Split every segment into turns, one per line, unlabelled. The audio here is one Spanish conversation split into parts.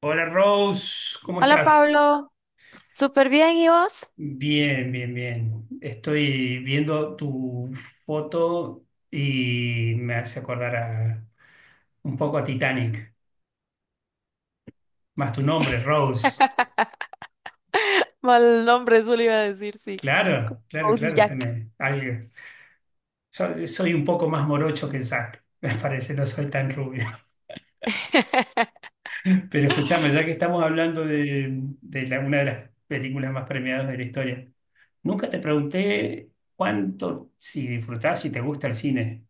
Hola Rose, ¿cómo
Hola
estás?
Pablo, súper bien, ¿y vos?
Bien, bien, bien. Estoy viendo tu foto y me hace un poco a Titanic. Más tu nombre, Rose.
Mal nombre, eso le iba a decir, sí.
Claro, claro,
Cozy
claro,
Jack.
soy un poco más morocho que Zac, me parece, no soy tan rubio. Pero escuchame, ya que estamos hablando de una de las películas más premiadas de la historia, nunca te pregunté cuánto, si disfrutás, si te gusta el cine.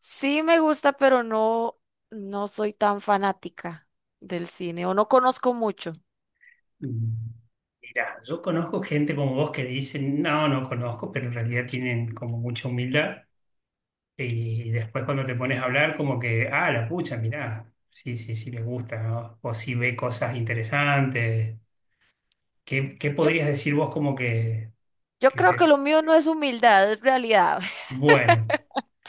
Sí me gusta, pero no, no soy tan fanática del cine o no conozco mucho.
Mira, yo conozco gente como vos que dicen, no, no conozco, pero en realidad tienen como mucha humildad. Y después cuando te pones a hablar, como que, ah, la pucha, mirá, sí, sí, sí, les gusta, ¿no? O si ve cosas interesantes. ¿Qué
Yo,
podrías decir vos como
yo
que
creo que
te...
lo mío no es humildad, es realidad.
Bueno,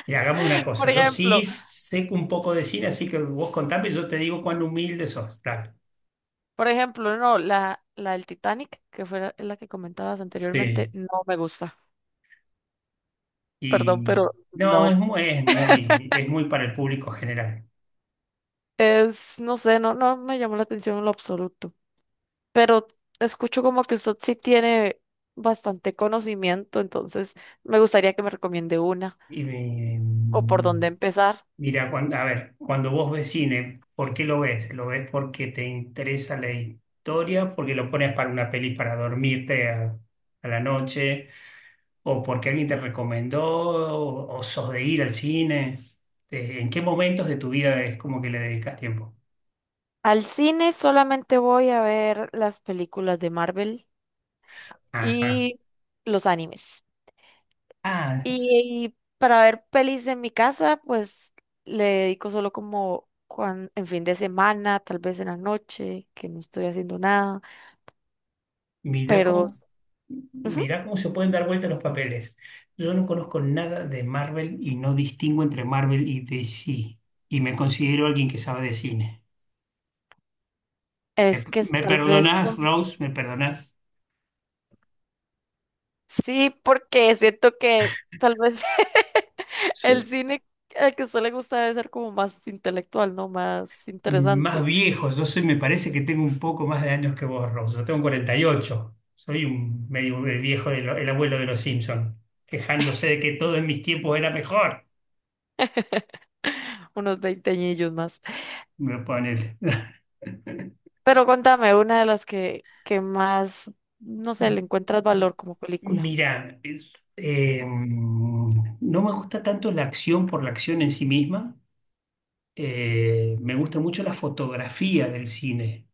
y hagamos una cosa,
Por
yo
ejemplo,
sí sé un poco de cine, así que vos contame y yo te digo cuán humilde sos. Dale.
no, la del Titanic, que fue la que comentabas anteriormente,
Sí.
no me gusta. Perdón,
Y
pero
no,
no.
es muy para el público general.
Es, no sé, no, no me llamó la atención en lo absoluto, pero escucho como que usted sí tiene bastante conocimiento, entonces me gustaría que me recomiende una
Y me-
o por dónde empezar.
mira, cuando, a ver, cuando vos ves cine, ¿por qué lo ves? ¿Lo ves porque te interesa la historia? ¿Porque lo pones para una peli para a la noche? ¿O porque alguien te recomendó? ¿O sos de ir al cine? ¿En qué momentos de tu vida es como que le dedicas tiempo?
Al cine solamente voy a ver las películas de Marvel
Ajá.
y los animes.
Ah,
Y para ver pelis en mi casa, pues le dedico solo como en fin de semana, tal vez en la noche, que no estoy haciendo nada,
Mirá
pero
cómo,
ujú,
mirá cómo se pueden dar vuelta los papeles. Yo no conozco nada de Marvel y no distingo entre Marvel y DC. Y me considero alguien que sabe de cine. ¿Me,
es que es
me
tal vez...
perdonás,
son.
Rose? ¿Me perdonás?
Sí, porque siento que tal vez el
Soy
cine al que a usted le gusta debe ser como más intelectual, ¿no? Más
más
interesante.
viejo. Yo soy, me parece que tengo un poco más de años que vos, Rose. Yo tengo 48. Soy un medio el viejo, el abuelo de los Simpson, quejándose de que todo en mis tiempos era mejor.
Unos veinte veinteañillos más.
Me pone.
Pero contame, una de las que más, no sé, le encuentras valor como película.
Mira, no me gusta tanto la acción por la acción en sí misma. Me gusta mucho la fotografía del cine.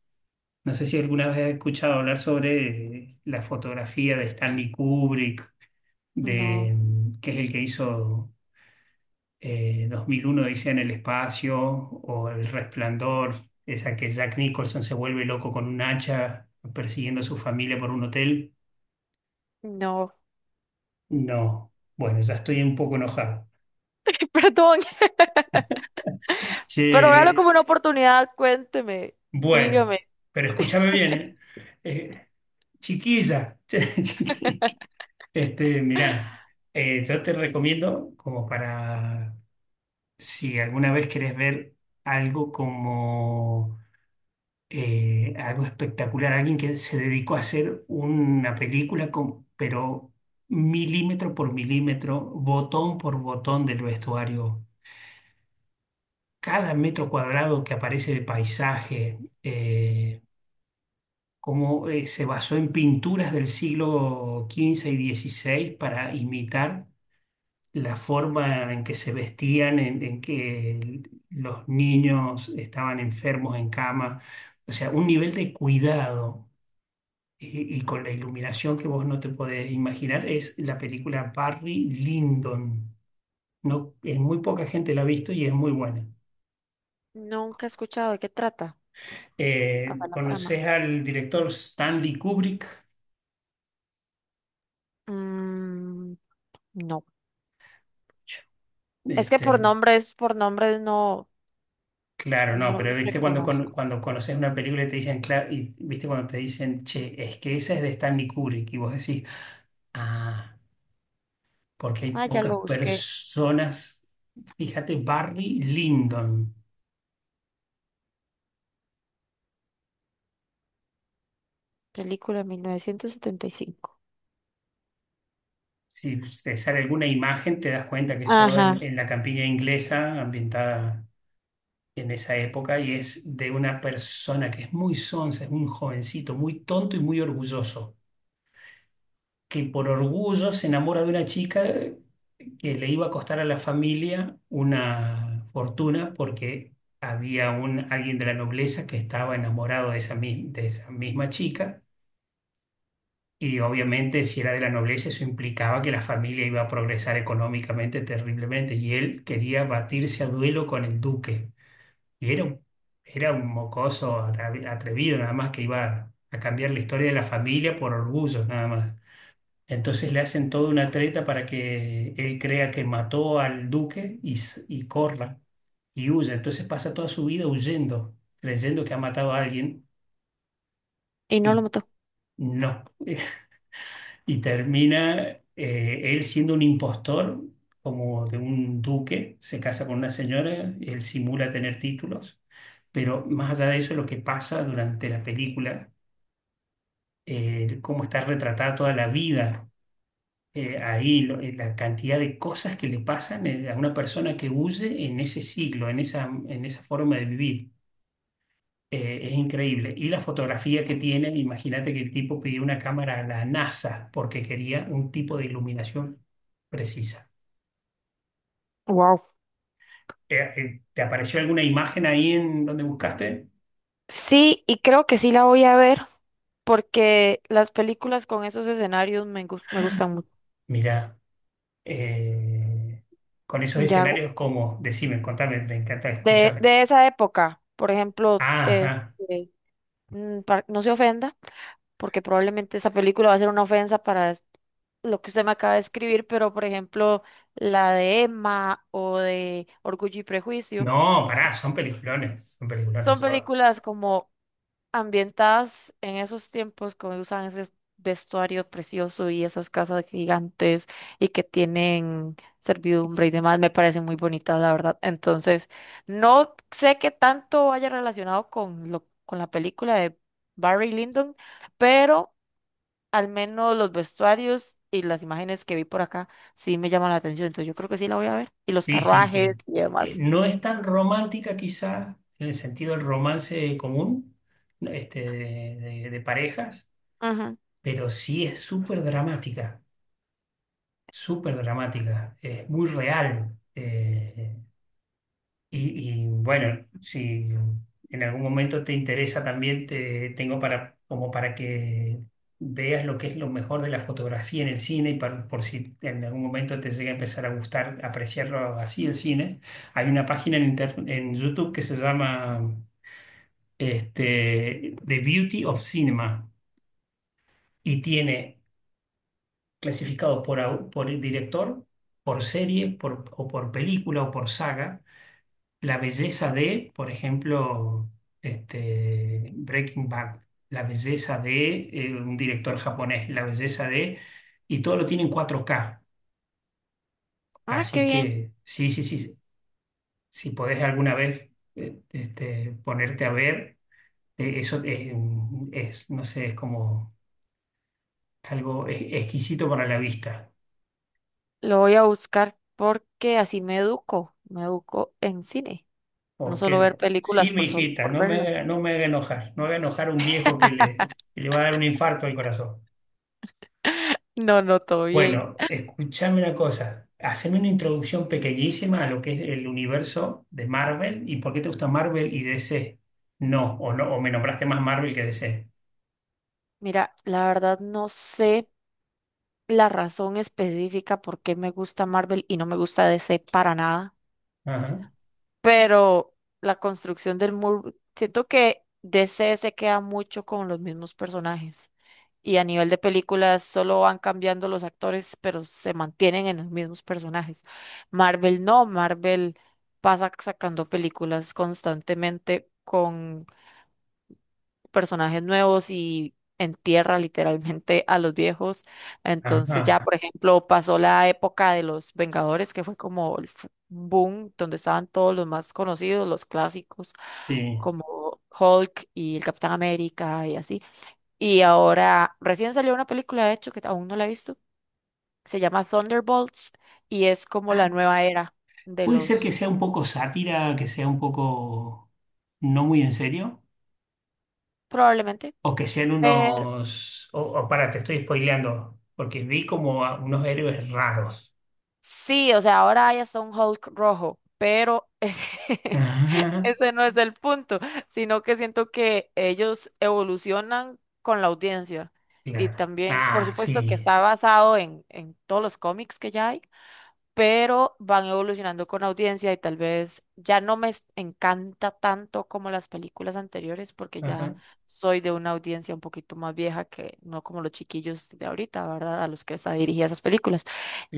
No sé si alguna vez has escuchado hablar sobre la fotografía de Stanley Kubrick,
No,
de, que es el que hizo 2001 Odisea en el espacio o El Resplandor, esa que Jack Nicholson se vuelve loco con un hacha persiguiendo a su familia por un hotel.
no.
No, bueno, ya estoy un poco enojado.
Perdón. Pero véalo
Che,
como una oportunidad, cuénteme,
bueno,
dígame.
pero escúchame bien, ¿eh? Eh, Chiquilla, Mirá, yo te recomiendo como para si alguna vez querés ver algo como algo espectacular, alguien que se dedicó a hacer una película con, pero milímetro por milímetro, botón por botón del vestuario, cada metro cuadrado que aparece de paisaje. Cómo se basó en pinturas del siglo XV y XVI para imitar la forma en que se vestían, en que los niños estaban enfermos en cama, o sea, un nivel de cuidado. Y con la iluminación que vos no te podés imaginar, es la película Barry Lyndon. No, muy poca gente la ha visto y es muy buena.
Nunca he escuchado de qué trata. Hasta la trama.
¿Conoces al director Stanley Kubrick?
Mm, no. Es que
Este,
por nombres no,
Claro, no,
no
pero
los
viste
reconozco.
cuando conoces una película y te dicen, claro, y viste cuando te dicen, che, es que esa es de Stanley Kubrick, y vos decís, ah, porque hay
Ah, ya
pocas
lo busqué.
personas, fíjate, Barry Lyndon,
Película 1975.
si te sale alguna imagen te das cuenta que es todo en,
Ajá.
en la campiña inglesa, ambientada en esa época, y es de una persona que es muy sonsa, es un jovencito, muy tonto y muy orgulloso, que por orgullo se enamora de una chica que le iba a costar a la familia una fortuna porque había alguien de la nobleza que estaba enamorado de de esa misma chica y obviamente si era de la nobleza eso implicaba que la familia iba a progresar económicamente terriblemente y él quería batirse a duelo con el duque y era un mocoso atrevido nada más que iba a cambiar la historia de la familia por orgullo nada más. Entonces le hacen toda una treta para que él crea que mató al duque y corra y huya. Entonces pasa toda su vida huyendo, creyendo que ha matado a alguien
Y no lo
y
mató.
no. Y termina él siendo un impostor, como de un duque, se casa con una señora, él simula tener títulos, pero más allá de eso, lo que pasa durante la película, cómo está retratada toda la vida la cantidad de cosas que le pasan a una persona que huye en ese siglo, en esa forma de vivir. Es increíble. Y la fotografía que tienen, imagínate que el tipo pidió una cámara a la NASA porque quería un tipo de iluminación precisa.
Wow.
¿Te apareció alguna imagen ahí en donde buscaste?
Sí, y creo que sí la voy a ver, porque las películas con esos escenarios me gustan mucho.
Mira, eh, con esos
Ya, gu-
escenarios, cómo Decime, contame, me encanta
de,
escuchar.
de esa época, por ejemplo,
Ah, ah.
este, mm, no se ofenda, porque probablemente esa película va a ser una ofensa para lo que usted me acaba de escribir, pero por ejemplo, la de Emma o de Orgullo y Prejuicio,
No,
pues
pará, son peliculones, son
son
peliculones.
películas como ambientadas en esos tiempos, como usan ese vestuario precioso y esas casas gigantes y que tienen servidumbre y demás, me parecen muy bonitas, la verdad. Entonces, no sé qué tanto vaya relacionado con lo, con la película de Barry Lyndon, pero al menos los vestuarios y las imágenes que vi por acá sí me llaman la atención, entonces yo creo que sí la voy a ver. Y los
Sí, sí,
carruajes
sí.
y demás.
No es tan romántica quizá en el sentido del romance común, este, de, de parejas,
Ajá.
pero sí es súper dramática, es muy real. Y, y, bueno, si en algún momento te interesa también, te tengo para, como para que veas lo que es lo mejor de la fotografía en el cine y por si en algún momento te llega a empezar a gustar apreciarlo así el cine. Hay una página en YouTube que se llama The Beauty of Cinema y tiene clasificado por el director, por serie, por, o por película o por saga. La belleza de, por ejemplo, Breaking Bad, la belleza de un director japonés, la belleza de, y todo lo tiene en 4K.
Ah, qué
Así
bien.
que sí, sí, sí, si podés alguna vez ponerte a ver, eso es, no sé, es como algo exquisito para la vista.
Lo voy a buscar porque así me educo en cine, no solo ver
Porque sí,
películas
mi hijita,
por
no me haga, no
verlas.
me haga enojar, no haga enojar a un viejo que le va a dar un infarto al corazón.
No, no, todo bien.
Bueno, escúchame una cosa. Haceme una introducción pequeñísima a lo que es el universo de Marvel y por qué te gusta Marvel y DC. No, o me nombraste más Marvel que DC.
Mira, la verdad no sé la razón específica por qué me gusta Marvel y no me gusta DC para nada,
Ajá,
pero la construcción del muro, siento que DC se queda mucho con los mismos personajes y a nivel de películas solo van cambiando los actores, pero se mantienen en los mismos personajes. Marvel no, Marvel pasa sacando películas constantemente, con personajes nuevos y entierra literalmente a los viejos. Entonces ya,
ajá,
por ejemplo, pasó la época de los Vengadores, que fue como el boom, donde estaban todos los más conocidos, los clásicos,
sí.
como Hulk y el Capitán América y así. Y ahora recién salió una película, de hecho, que aún no la he visto, se llama Thunderbolts y es como
Ah,
la nueva era de
puede ser que
los,
sea un poco sátira, que sea un poco no muy en serio,
probablemente.
o que sean
Pero
unos. O para, te estoy spoileando, porque vi como a unos héroes raros.
sí, o sea, ahora hay hasta un Hulk rojo, pero es-
Ajá,
Ese no es el punto, sino que siento que ellos evolucionan con la audiencia. Y
claro.
también, por
Ah,
supuesto, que
sí.
está basado en todos los cómics que ya hay, pero van evolucionando con audiencia y tal vez ya no me encanta tanto como las películas anteriores, porque ya
Ajá,
soy de una audiencia un poquito más vieja, que no como los chiquillos de ahorita, ¿verdad? A los que están dirigidas esas películas.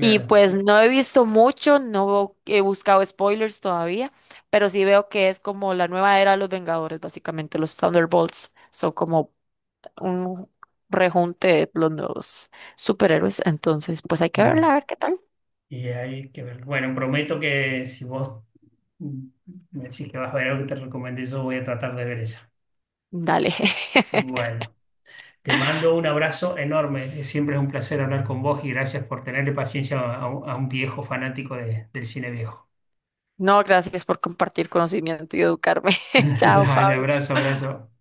Y pues no he visto mucho, no he buscado spoilers todavía, pero sí veo que es como la nueva era de los Vengadores, básicamente los Thunderbolts son como un rejunte de los nuevos superhéroes, entonces pues hay que verla, a ver qué tal.
Y hay que ver. Bueno, prometo que si vos mm, me decís que vas a ver algo que te recomendé, yo voy a tratar de ver esa.
Dale.
Bueno, te mando un abrazo enorme. Siempre es un placer hablar con vos y gracias por tenerle paciencia a un viejo fanático del cine viejo.
No, gracias por compartir conocimiento y educarme. Chao,
Dale,
Pablo.
abrazo, abrazo.